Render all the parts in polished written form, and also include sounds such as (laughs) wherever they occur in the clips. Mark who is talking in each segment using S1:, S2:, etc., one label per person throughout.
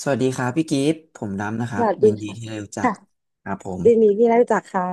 S1: สวัสดีครับพี่กิฟต์ผมดำนะค
S2: ส
S1: รับ
S2: วัสดี
S1: ยินดี
S2: ค่ะ
S1: ที่ได้รู้จัก
S2: ค่ะ
S1: ครับผม
S2: ยินดีที่ได้รู้จักค่ะ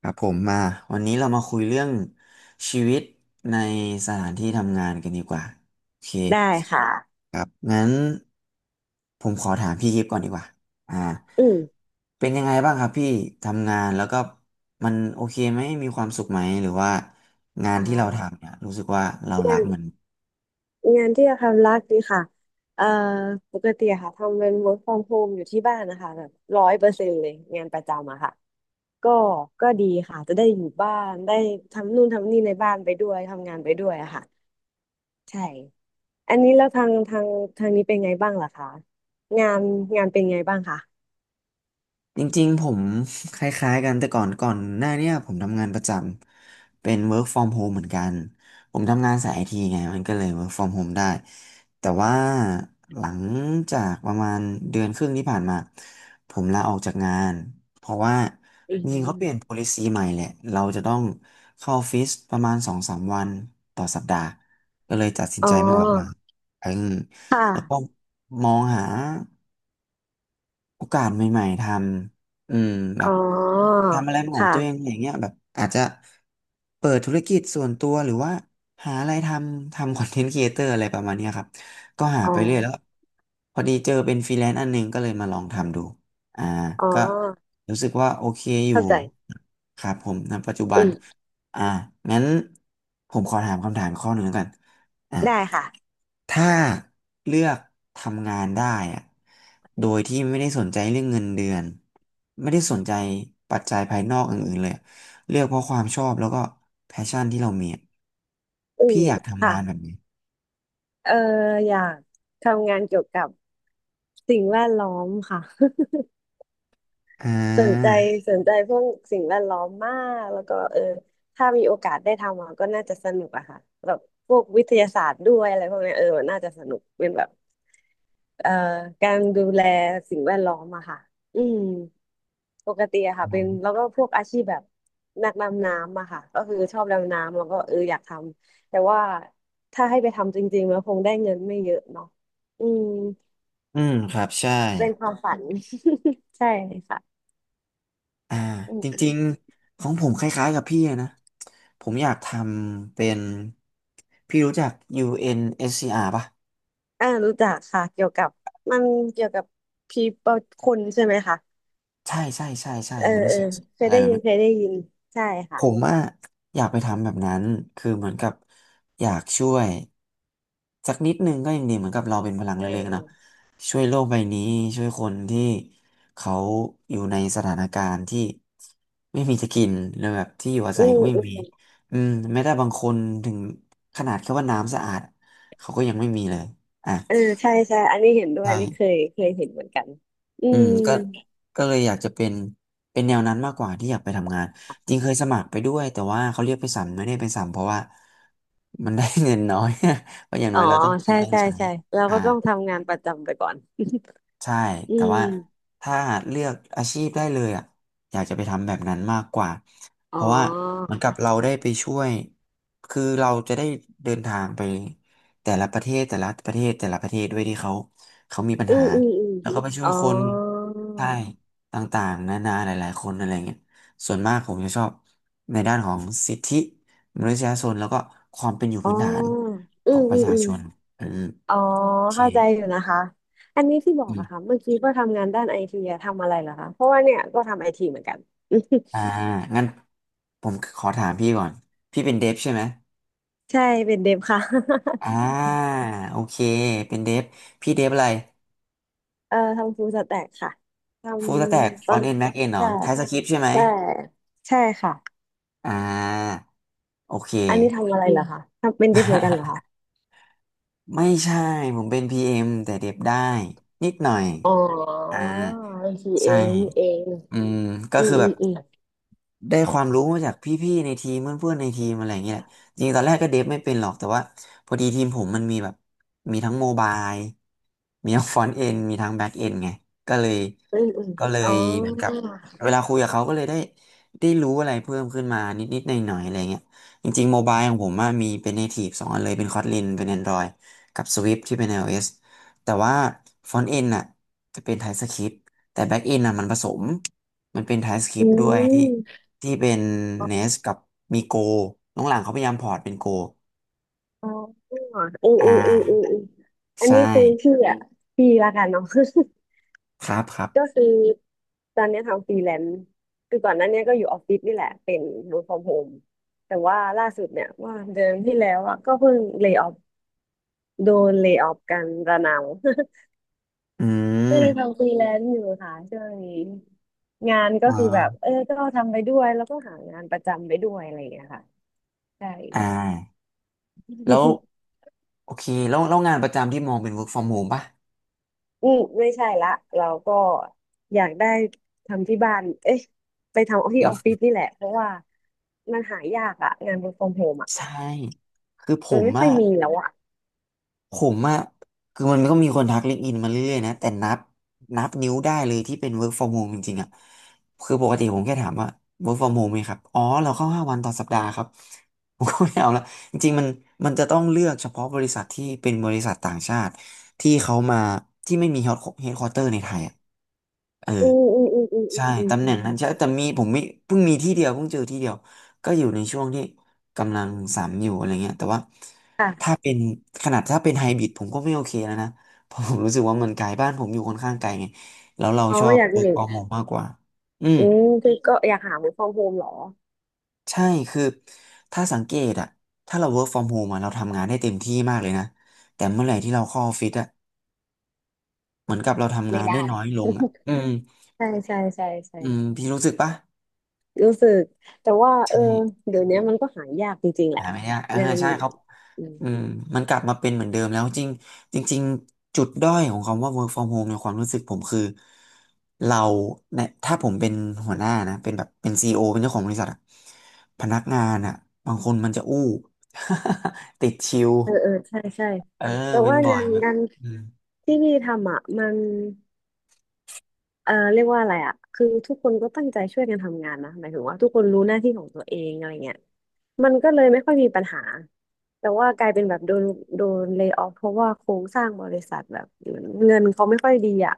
S1: ครับผมมาวันนี้เรามาคุยเรื่องชีวิตในสถานที่ทำงานกันดีกว่าโอเค
S2: ได้ค่ะ
S1: ครับงั้นผมขอถามพี่กิฟต์ก่อนดีกว่าอ่า
S2: อืม
S1: เป็นยังไงบ้างครับพี่ทำงานแล้วก็มันโอเคไหมมีความสุขไหมหรือว่างา
S2: อ
S1: นที่เรา
S2: ่า
S1: ทำเนี่ยรู้สึกว่าเรา
S2: งา
S1: รั
S2: น
S1: กมัน
S2: ที่จะทำรักดีค่ะเอ่อปกติอะค่ะทำเป็น work from home อยู่ที่บ้านนะคะแบบ100%เลยงานประจำอะค่ะก็ก็ดีค่ะจะได้อยู่บ้านได้ทำนู่นทำนี่ในบ้านไปด้วยทำงานไปด้วยอะค่ะใช่อันนี้แล้วทางนี้เป็นไงบ้างล่ะคะงานงานเป็นไงบ้างคะ
S1: จริงๆผม (laughs) คล้ายๆกันแต่ก่อนหน้าเนี่ยผมทำงานประจำเป็น work from home เหมือนกันผมทำงานสายไอทีไงมันก็เลย work from home ได้แต่ว่าหลังจากประมาณเดือนครึ่งที่ผ่านมาผมลาออกจากงานเพราะว่า
S2: อื
S1: จริงๆเขาเปลี่ยน
S2: ม
S1: policy ใหม่แหละเราจะต้องเข้าออฟฟิศประมาณสองสามวันต่อสัปดาห์ก็เลยตัดสิน
S2: อ๋อ
S1: ใจมาออกมาอืม
S2: ค่
S1: แล้วก็
S2: ะ
S1: มองหา โอกาสใหม่ๆทำแบ
S2: อ๋
S1: บ
S2: อ
S1: ทำอะไรเป็นของตัวเอง
S2: ค่ะ
S1: อย่างเงี้ยแบบอาจจะเปิดธุรกิจส่วนตัวหรือว่าหาอะไรทำ (laughs) คอนเทนต์ครีเอเตอร์อะไรประมาณเนี้ยครับก็หา
S2: อ๋
S1: ไปเรื่อยแล้ว
S2: อ
S1: พอดีเจอเป็นฟรีแลนซ์อันหนึงก็เลยมาลองทำดูอ่า
S2: อ๋อ
S1: ก็รู้สึกว่าโอเคอยู่
S2: เข้าใจ
S1: ครับผมณปัจจุบั
S2: อื
S1: น
S2: ม
S1: อ่างั้นผมขอถามคำถามข้อหนึ่งแล้วกันอ่า
S2: ได้ค่ะ
S1: ถ้าเลือกทำงานได้อะโดยที่ไม่ได้สนใจเรื่องเงินเดือน ไม่ได้สนใจปัจจัยภายนอกอื่นๆเลยอะเลือกเพราะความชอบแล้วก็แพชชั่นที่เรามีอะ
S2: อื
S1: พี่
S2: ม
S1: อยากทำ
S2: ค่ะ
S1: งานแบบนี้
S2: เอออยากทำงานเกี่ยวกับสิ่งแวดล้อมค่ะ
S1: อ่
S2: (laughs) สนใจ
S1: า
S2: พวกสิ่งแวดล้อมมากแล้วก็เออถ้ามีโอกาสได้ทำอะก็น่าจะสนุกอะค่ะแบบพวกวิทยาศาสตร์ด้วยอะไรพวกเนี้ยเออมันน่าจะสนุกเป็นแบบ เอ่อการดูแลสิ่งแวดล้อมอะค่ะ อืมปกติอะค่ะเป็นแล้วก็พวกอาชีพแบบนักดำน้ำอะค่ะก็คือชอบดำน้ำแล้วก็เอออยากทำแต่ว่าถ้าให้ไปทำจริงๆแล้วคงได้เงินไม่เยอะเนาะอืม
S1: อืมครับ ใช่
S2: เป็นความฝัน (laughs) ใช่ค่ะ
S1: อ่า
S2: อื
S1: จ
S2: ม
S1: ริงๆของผมคล้ายๆกับพี่เลยนะ ผมอยากทำเป็น พี่รู้จัก UNSCR ป่ะ
S2: รู้จักค่ะเกี่ยวกับมันเกี่ยวกับพีเปิลคนใช่ไหมคะ
S1: ใช่ใช่ใช่ใช่
S2: เออ
S1: ยูเอนเอ
S2: เอ
S1: ส
S2: อ
S1: ซี
S2: เค
S1: อาร์อะ
S2: ย
S1: ไร
S2: ได้
S1: แบบ
S2: ยิน
S1: เนี้
S2: เคย
S1: ย
S2: ได้ยินใช่
S1: ผ
S2: ค่ะ
S1: มอะอยากไปทำแบบนั้นคือเหมือนกับอยากช่วยสักนิดนึงก็ยังดีเหมือนกับเราเป็นพลัง
S2: เออ
S1: เล็กๆ
S2: เออ
S1: เนาะช่วยโลกใบนี้ช่วยคนที่เขาอยู่ในสถานการณ์ที่ไม่มีจะกินหรือแบบที่อยู่อา
S2: อื
S1: ศัยก็ไม่มี
S2: ม
S1: แม้แต่บางคนถึงขนาดแค่ว่าน้ำสะอาดเขาก็ยังไม่มีเลยอ่ะ
S2: เออใช่ใช่อันนี้เห็นด้วย
S1: ใช่
S2: อันนี้เคยเคยเห็นเหมือนกันอื
S1: อื
S2: ม
S1: มก็ก็เลยอยากจะเป็นแนวนั้นมากกว่าที่อยากไปทำงานจริงเคยสมัครไปด้วยแต่ว่าเขาเรียกไปสัมไม่ได้ไปสัมเพราะว่ามันได้ (laughs) เงินน้อย (laughs) เพราะอย่าง
S2: อ๋
S1: น้
S2: อ
S1: อยเราต้องกิน
S2: ใช่
S1: ต้อง
S2: ใช่
S1: ใช้
S2: ใช่เรา
S1: อ่า
S2: ก็ต้องทำงานประจำไปก่อน
S1: ใช่
S2: อื
S1: แต่ว่า
S2: ม
S1: ถ้าเลือกอาชีพได้เลยอ่ะอยากจะไปทำแบบนั้นมากกว่า เพ
S2: อ๋อ
S1: ราะว่าเหมือนกับเราได้ไปช่วย คือเราจะได้เดินทางไปแต่ละประเทศแต่ละประเทศแต่ละประเทศด้วยที่เขามีปัญ
S2: อื
S1: หา
S2: มอืมอืม
S1: แล้วก็ไปช่ว
S2: อ๋
S1: ย
S2: อ
S1: คนใช่ต่างๆนานาหลายๆคนอะไรเงี้ยส่วนมากผมจะชอบในด้านของสิทธิมนุษยชนแล้วก็ความเป็นอยู่
S2: อ๋อ
S1: พื้นฐาน
S2: อื
S1: ของ
S2: ม
S1: ป
S2: อื
S1: ระ
S2: ม
S1: ชา
S2: อืม
S1: ชนอืม
S2: อ๋อ
S1: โอเค
S2: เข้าใจอยู่นะคะอันนี้ที่บอกอะค่ะเมื่อกี้ก็ทำงานด้านไอทีอะทำอะไรเหรอคะเพราะว่าเนี่ยก็ทำไอทีเหมือนกัน
S1: อ่า งั้นผมขอถามพี่ก่อน พี่เป็นเดฟใช่ไหม
S2: (laughs) ใช่เป็นเดฟค่ะ
S1: อ่า โอเค เป็นเดฟพี่เดฟอะไร
S2: (laughs) เออทำฟูลสแต็กค่ะท
S1: ฟูลสแต็ก
S2: ำ
S1: ฟ
S2: ตอ
S1: อน
S2: น
S1: ต์เอ็นแม็กเอ็นเหรอ
S2: ใช่
S1: ไทป์สคริปต์ใช่ไหม
S2: ใช่ใช่ค่ะ
S1: อ่า โอเค
S2: อันนี้ทำอะไรเหรอคะ ทำเป็นดิบเหมือนกันเหรอคะ
S1: (laughs) ไม่ใช่ ผมเป็น PM แต่เดฟได้ นิดหน่อย
S2: อ๋อ
S1: อ่า
S2: บัญีเอ
S1: ใช่
S2: งนี่เอง
S1: อืมก็
S2: อืม
S1: คือ
S2: อื
S1: แบ
S2: ม
S1: บ
S2: อืม
S1: ได้ความรู้มาจากพี่ๆในทีมเพื่อนๆในทีมอะไรอย่างเงี้ยแหละจริงๆตอนแรกก็เดฟไม่เป็นหรอกแต่ว่าพอดีทีมผมมันมีแบบมีทั้งโมบายมีทั้งฟรอนต์เอนมีทั้งแบ็กเอนไงก็เลย
S2: อืมอืม
S1: ก็เล
S2: อ๋อ
S1: ยเหมือนกับเวลาคุยกับเขาก็เลยได้รู้อะไรเพิ่มขึ้นมานิดๆหน่อยๆอะไรเงี้ยจริงๆโมบายของผมอะมีเป็น Native สองอันเลยเป็น Kotlin เป็น Android กับ Swift ที่เป็น iOS แต่ว่าฟรอนต์เอนน่ะจะเป็น TypeScript แต่แบ็กเอนน่ะมันผสมมันเป็น
S2: อื
S1: TypeScript ด้วยที่
S2: ม
S1: ที่เป็นเนสกับมีโกน้องหลังเขาพยายามพอร์ตเป็นโก
S2: อ๋ออืม
S1: อ่
S2: อืมอืมอืมอ
S1: า
S2: มอัน
S1: ใช่
S2: นี้คือพี่อ่ะพี่ละกันเนาะ (laughs)
S1: ครับครั
S2: ก็
S1: บ
S2: คือตอนเนี้ยทำฟรีแลนซ์คือก่อนหน้าเนี้ยก็อยู่ออฟฟิศนี่แหละเป็น work from home แต่ว่าล่าสุดเนี่ยว่าเดือนที่แล้วอ่ะก็เพิ่งเล y o ออโดนเล y o ออกันระนาว (laughs)
S1: อื
S2: ก็เลย
S1: ม
S2: ทำฟรีแลนซ์อยู่ค่ะช่วงนี้ งานก็
S1: อ
S2: คือแบบ
S1: ่า
S2: เออก็ทำไปด้วยแล้วก็หางานประจำไปด้วยอะไรอย่างเงี้ยค่ะใช่
S1: อ่าแล้ว
S2: (laughs)
S1: โอเคแล้วงานประจำที่มองเป็น work from home ป่ะ
S2: อืมไม่ใช่ละเราก็อยากได้ทำที่บ้านเอ๊ะไปทำที่
S1: เดีย
S2: อ
S1: ว
S2: อฟฟิศนี่แหละเพราะว่ามันหายากอะงาน work from home อะ
S1: ใช่คือผ
S2: มัน
S1: ม
S2: ไม่ค่อ
S1: อะ
S2: ยมีแล้วอะ
S1: ผมอะคือมันก็มีคนทักลิงก์อินมาเรื่อยๆนะแต่นับนิ้วได้เลยที่เป็น work from home จริงๆอะคือปกติผมแค่ถามว่า work from home ไหมครับอ๋อเราเข้า5 วันต่อสัปดาห์ครับ (laughs) ผมก็ไม่เอาละจริงๆมันจะต้องเลือกเฉพาะบริษัทที่เป็นบริษัทต่างชาติที่เขามาที่ไม่มี headquarter ในไทยอะเออ
S2: อืมอืมอืมอืม
S1: ใช่
S2: อืม
S1: ตำ
S2: อื
S1: แห
S2: ม
S1: น่งนั้นใช่
S2: อืม
S1: แต่ผมมีเพิ่งเจอที่เดียวก็อยู่ในช่วงที่กำลังสามอยู่อะไรเงี้ยแต่ว่าถ้า
S2: ค่ะ
S1: เป็นขนาดถ้าเป็นไฮบริดผมก็ไม่โอเคแล้วนะ (laughs) เพราะผมรู้สึกว่ามันไกลบ้านผมอยู่ค่อนข้างไกลไงแล้วเรา
S2: อ๋อ
S1: ชอบ
S2: อยาก
S1: work
S2: มี
S1: from home มากกว่าอืม
S2: อืมคือก็อยากหา work from home เหรอ
S1: ใช่คือถ้าสังเกตอะถ้าเรา work from home อะเราทำงานได้เต็มที่มากเลยนะแต่เมื่อไหร่ที่เราเข้าออฟฟิศอะเหมือนกับเราทำ
S2: ไม่
S1: งานได้
S2: ได้
S1: น้อยลงอะอืม
S2: ใช่ใช่ใช่ใช่
S1: อืมพี่รู้สึกปะ
S2: รู้สึกแต่ว่าเอ
S1: ใช่
S2: อเดี๋ยวนี้มันก็หายากจริงๆแหละ
S1: หาไม่ยากเออ
S2: งาน
S1: ใช่ครับอืมมันกลับมาเป็นเหมือนเดิมแล้วจริงจริงๆจุดด้อยของคำว่า work from home ในความรู้สึกผมคือเราเนี่ยถ้าผมเป็นหัวหน้านะเป็นซีอีโอเป็นเจ้าของบริษัทอะพนักงานอะบางคนมันจะอู้ (laughs) ติดชิว
S2: เออเออใช่ใช่
S1: เออ
S2: แต่
S1: เป็น
S2: ว่า
S1: บ่อยแบบ
S2: งาน
S1: อืม
S2: ที่พี่ทำอ่ะมันเออเรียกว่าอะไรอ่ะคือทุกคนก็ตั้งใจช่วยกันทำงานนะหมายถึงว่าทุกคนรู้หน้าที่ของตัวเองอะไรเงี้ยมันก็เลยไม่ค่อยมีปัญหาแต่ว่ากลายเป็นแบบโดนเล y o อ f เพราะว่าโครงสร้างบริษัทแบบเงินเขาไม่ค่อยดีอ่ะ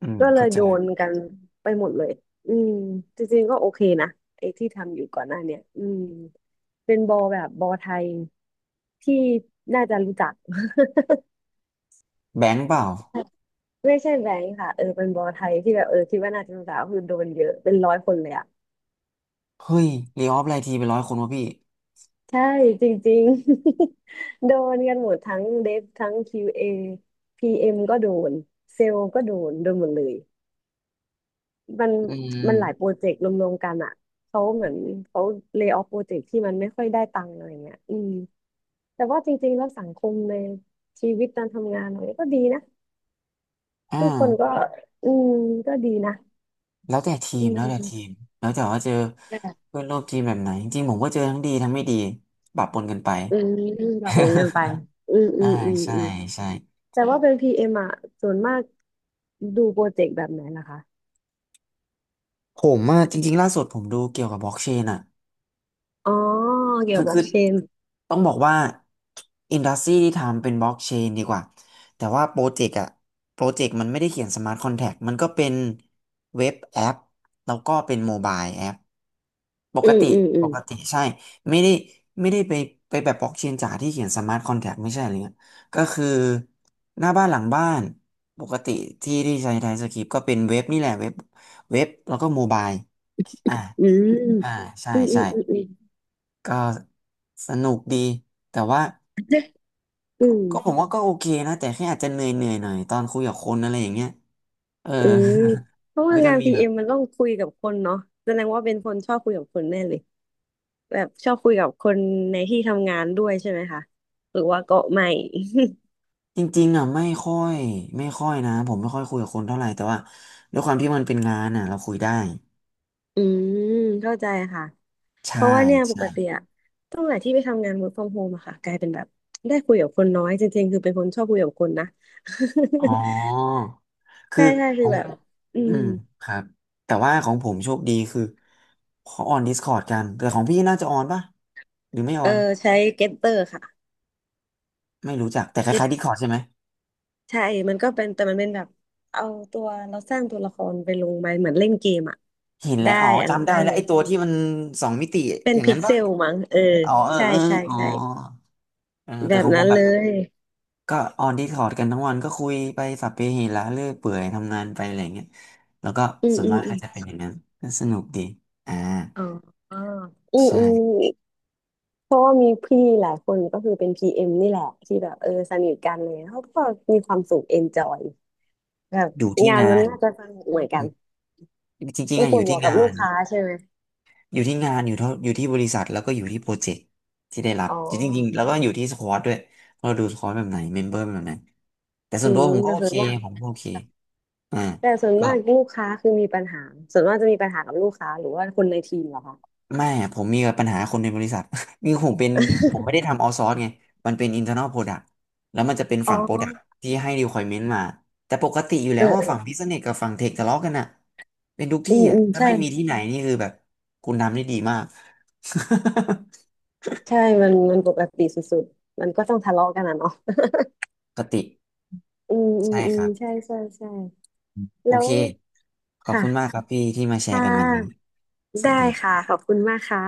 S1: อืม
S2: ก็เล
S1: เข้า
S2: ย
S1: ใจ
S2: โดนกันไปหมดเลยอืมจริงๆก็โอเคนะไอ้ที่ทำอยู่ก่อนหน้าเนี้ยอืมเป็นบอแบบบอไทยที่น่าจะรู้จัก (laughs)
S1: แบงค์เปล่า
S2: ไม่ใช่แบงค์ค่ะเออเป็นบอไทยที่แบบเออคิดว่าน่าจะสาวคือโดนเยอะเป็นร้อยคนเลยอ่ะ
S1: เฮ้ยรีออฟไลน์ทีไปนร้อยคนวะพี่
S2: ใช่จริงๆ (laughs) โดนกันหมดทั้งเดฟทั้ง QA PM ก็โดนเซลล์ก็โดนโดนหมดเลยมัน
S1: อื
S2: มันหลายโปร
S1: ม
S2: เจกต์รวมๆกันอ่ะเขาเหมือนเขาเล y o อ f โปรเจกต์ที่มันไม่ค่อยได้ตังค์อะไรเงี้ยอืมแต่ว่าจริงๆแล้วสังคมในชีวิตการทำงานเราเนี่ยก็ดีนะ
S1: อ่า
S2: ทุกคนก็อืมก็ดีนะ
S1: แล้วแต่ที
S2: อื
S1: ม
S2: ม
S1: แล้วแต่ทีมแล้วแต่ว่าเจอเพื่อนร่วมทีมแบบไหนจริงๆผมก็เจอทั้งดีทั้งไม่ดีปะปนกันไป
S2: อืมแบบโอนเงินไปอืม
S1: (laughs)
S2: อื
S1: อ่า
S2: มอืม
S1: ใช่
S2: อืม
S1: ใช่
S2: แต่ว่าเป็นพีเอ็มอ่ะส่วนมากดูโปรเจกต์แบบไหนล่ะคะ
S1: ผมอ่ะจริงๆล่าสุดผมดูเกี่ยวกับ blockchain อ่ะ
S2: อ๋อเกี่ย
S1: คื
S2: ว
S1: อ
S2: กับบล็อ
S1: คื
S2: ก
S1: อ
S2: เชน
S1: ต้องบอกว่าอินดัสทรีที่ทำเป็นบล็อกเชนดีกว่าแต่ว่าโปรเจกต์มันไม่ได้เขียนสมาร์ทคอนแท็กมันก็เป็นเว็บแอปแล้วก็เป็นโมบายแอปป
S2: อื
S1: ก
S2: ม
S1: ติ
S2: อืมอื
S1: ป
S2: ม
S1: กติใช่ไม่ได้ไม่ได้ไปไปแบบบล็อกเชนจ๋าที่เขียนสมาร์ทคอนแท็กไม่ใช่อะไรเงี้ยก็คือหน้าบ้านหลังบ้านปกติที่ที่ใช้ไทยสคริปต์ก็เป็นเว็บนี่แหละเว็บแล้วก็โมบายอ่า
S2: อืม
S1: อ่าใช่
S2: อืมอื
S1: ใช่
S2: มอืมอืม
S1: ก็สนุกดีแต่ว่า
S2: อื
S1: ก็
S2: ม
S1: ก็ผมว่าก็โอเคนะแต่แค่อาจจะเหนื่อยหน่อยตอนคุยกับคนอะไรอย่างเงี้ยเออ
S2: อืมเพ
S1: (laughs)
S2: ราะ
S1: มัน
S2: ว่า
S1: ก็จะ
S2: งาน
S1: มี
S2: พี
S1: แบ
S2: เอ็
S1: บ
S2: มมันต้องคุยกับคนเนาะแสดงว่าเป็นคนชอบคุยกับคนแน่เลยแบบชอบคุยกับคนในที่ทำงานด้วยใช่ไหมคะหรือว่าก็ไม่
S1: จริงๆอ่ะไม่ค่อยนะผมไม่ค่อยคุยกับคนเท่าไหร่แต่ว่าด้วยความที่มันเป็นงานอ่ะเราคุยได้
S2: (laughs) อืมเข้าใจค่ะ เพ
S1: ใช่
S2: ราะว่าเนี่ยป
S1: ใช่
S2: กติอะตั้งแต่ที่ไปทำงาน work from home อะค่ะกลายเป็นแบบได้คุยกับคนน้อยจริงๆคือเป็นคนชอบคุยกับคนนะ
S1: อ๋อ
S2: (laughs)
S1: คือ
S2: ใช่ใช่
S1: ข
S2: คือ
S1: อง
S2: แบบ
S1: ผม
S2: อ่ื
S1: อื
S2: ม
S1: มครับแต่ว่าของผมโชคดีคือเขาออน Discord กันแต่ของพี่น่าจะออนป่ะหรือไม่อ
S2: เอ
S1: อ
S2: อ
S1: น
S2: ใช้ Getter ค่ะ
S1: ไม่รู้จักแต่คล้าย
S2: Get
S1: ๆ Discord ใช่ไหม
S2: ใช่มันก็เป็นแต่มันเป็นแบบเอาตัวเราสร้างตัวละครไปลงไปเหมือนเล่นเกมอะ
S1: หินแห
S2: ได้
S1: ละอ๋อ
S2: อันนั้น
S1: จำได้
S2: ได้
S1: แล้
S2: เล
S1: วไอ้
S2: ย
S1: ตัวที่มันสองมิติ
S2: เป็
S1: อ
S2: น
S1: ย่าง
S2: พิ
S1: นั้
S2: ก
S1: น
S2: เซ
S1: ปะ
S2: ลมั้งเออ
S1: อ๋อเออ
S2: ใช่
S1: เออ
S2: ใช่
S1: อ๋อ
S2: ใช่
S1: เออ
S2: แบ
S1: แต่
S2: บ
S1: ของผ
S2: นั้
S1: ม
S2: น
S1: แบ
S2: เล
S1: บ
S2: ย
S1: ก็ออนดิสคอร์ดกันทั้งวันก็คุยไปสัพเพเหระเรื่อยเปื่อยทำงานไปอะไรเงี้ยแล้วก็
S2: อืม
S1: ส่วน
S2: อืม
S1: มาก
S2: อื
S1: ก็
S2: ม
S1: จะเป็นอย่างนั้นก็สนุกดีอ่า
S2: อ๋ออือ
S1: ใช่
S2: อือ เพราะว่ามีพี่หลายคนก็คือเป็นพีเอ็มนี่แหละที่แบบเออสนิทกันเลยเขาก็มีความสุขเอนจอยแบบ
S1: อยู่ที่
S2: งาน
S1: งา
S2: มัน
S1: น
S2: น่าจะสนุกเหมือน
S1: อื
S2: กัน
S1: มจริงๆ
S2: มัน
S1: อะ
S2: ป
S1: อ
S2: วด
S1: ยู่
S2: หั
S1: ที่
S2: วกับ
S1: งา
S2: ลู
S1: น
S2: กค้าใช่ไหม
S1: อยู่ที่บริษัทแล้วก็อยู่ที่โปรเจกต์ที่ได้รับ
S2: อ๋
S1: จริงๆแล้
S2: อ
S1: วก็อยู่ที่สควอตด้วยเราดูสควอตแบบไหนเมมเบอร์แบบไหนแต่ส่
S2: อื
S1: วนตัว
S2: ม
S1: ผมก็
S2: แต่
S1: โอ
S2: ส่ว
S1: เค
S2: นมาก
S1: ผมก็โอเคอ่า
S2: ลูกค้าคือมีปัญหาส่วนมากจะมีปัญหากับลูกค้าหรือว่าคนในทีมเหรอคะ
S1: ไม่อะผมมีปัญหาคนในบริษัท (laughs) มีผมเป็นผมไม่ได้
S2: (laughs)
S1: ทำเอาซอ ไงมันเป็น internal product แล้วมันจะเป็น
S2: อ๋อ
S1: ฝั่ง product ที่ให้ requirement มาแต่ปกติอยู่
S2: เอ
S1: แล้
S2: อ
S1: วว่า
S2: เออ
S1: ฝั่ง business กับฝั่ง tech ทะเลาะกันอะเป็นทุก
S2: อื
S1: ที่
S2: ม
S1: อะ
S2: อืม
S1: ถ้า
S2: ใช่
S1: ไม่มีที่ไหนนี่คือแบบคุณทำได้ดีมาก (laughs)
S2: ใช่มันมันปกติสุดๆมันก็ต้องทะเลาะกันนะเนาะ
S1: ปกติ
S2: (laughs) อืมอื
S1: ใช่
S2: มอื
S1: ค
S2: ม
S1: รับ
S2: ใช่ใช่ใช่
S1: โอ
S2: แล้ว
S1: เคขอบคุณมาก
S2: ค่ะ
S1: ครับพี่ที่มาแช
S2: ค่ะ
S1: ร์กันวันนี้ส
S2: ได้
S1: วัสดีค
S2: ค่ะ
S1: รับ
S2: ขอบคุณมากค่ะ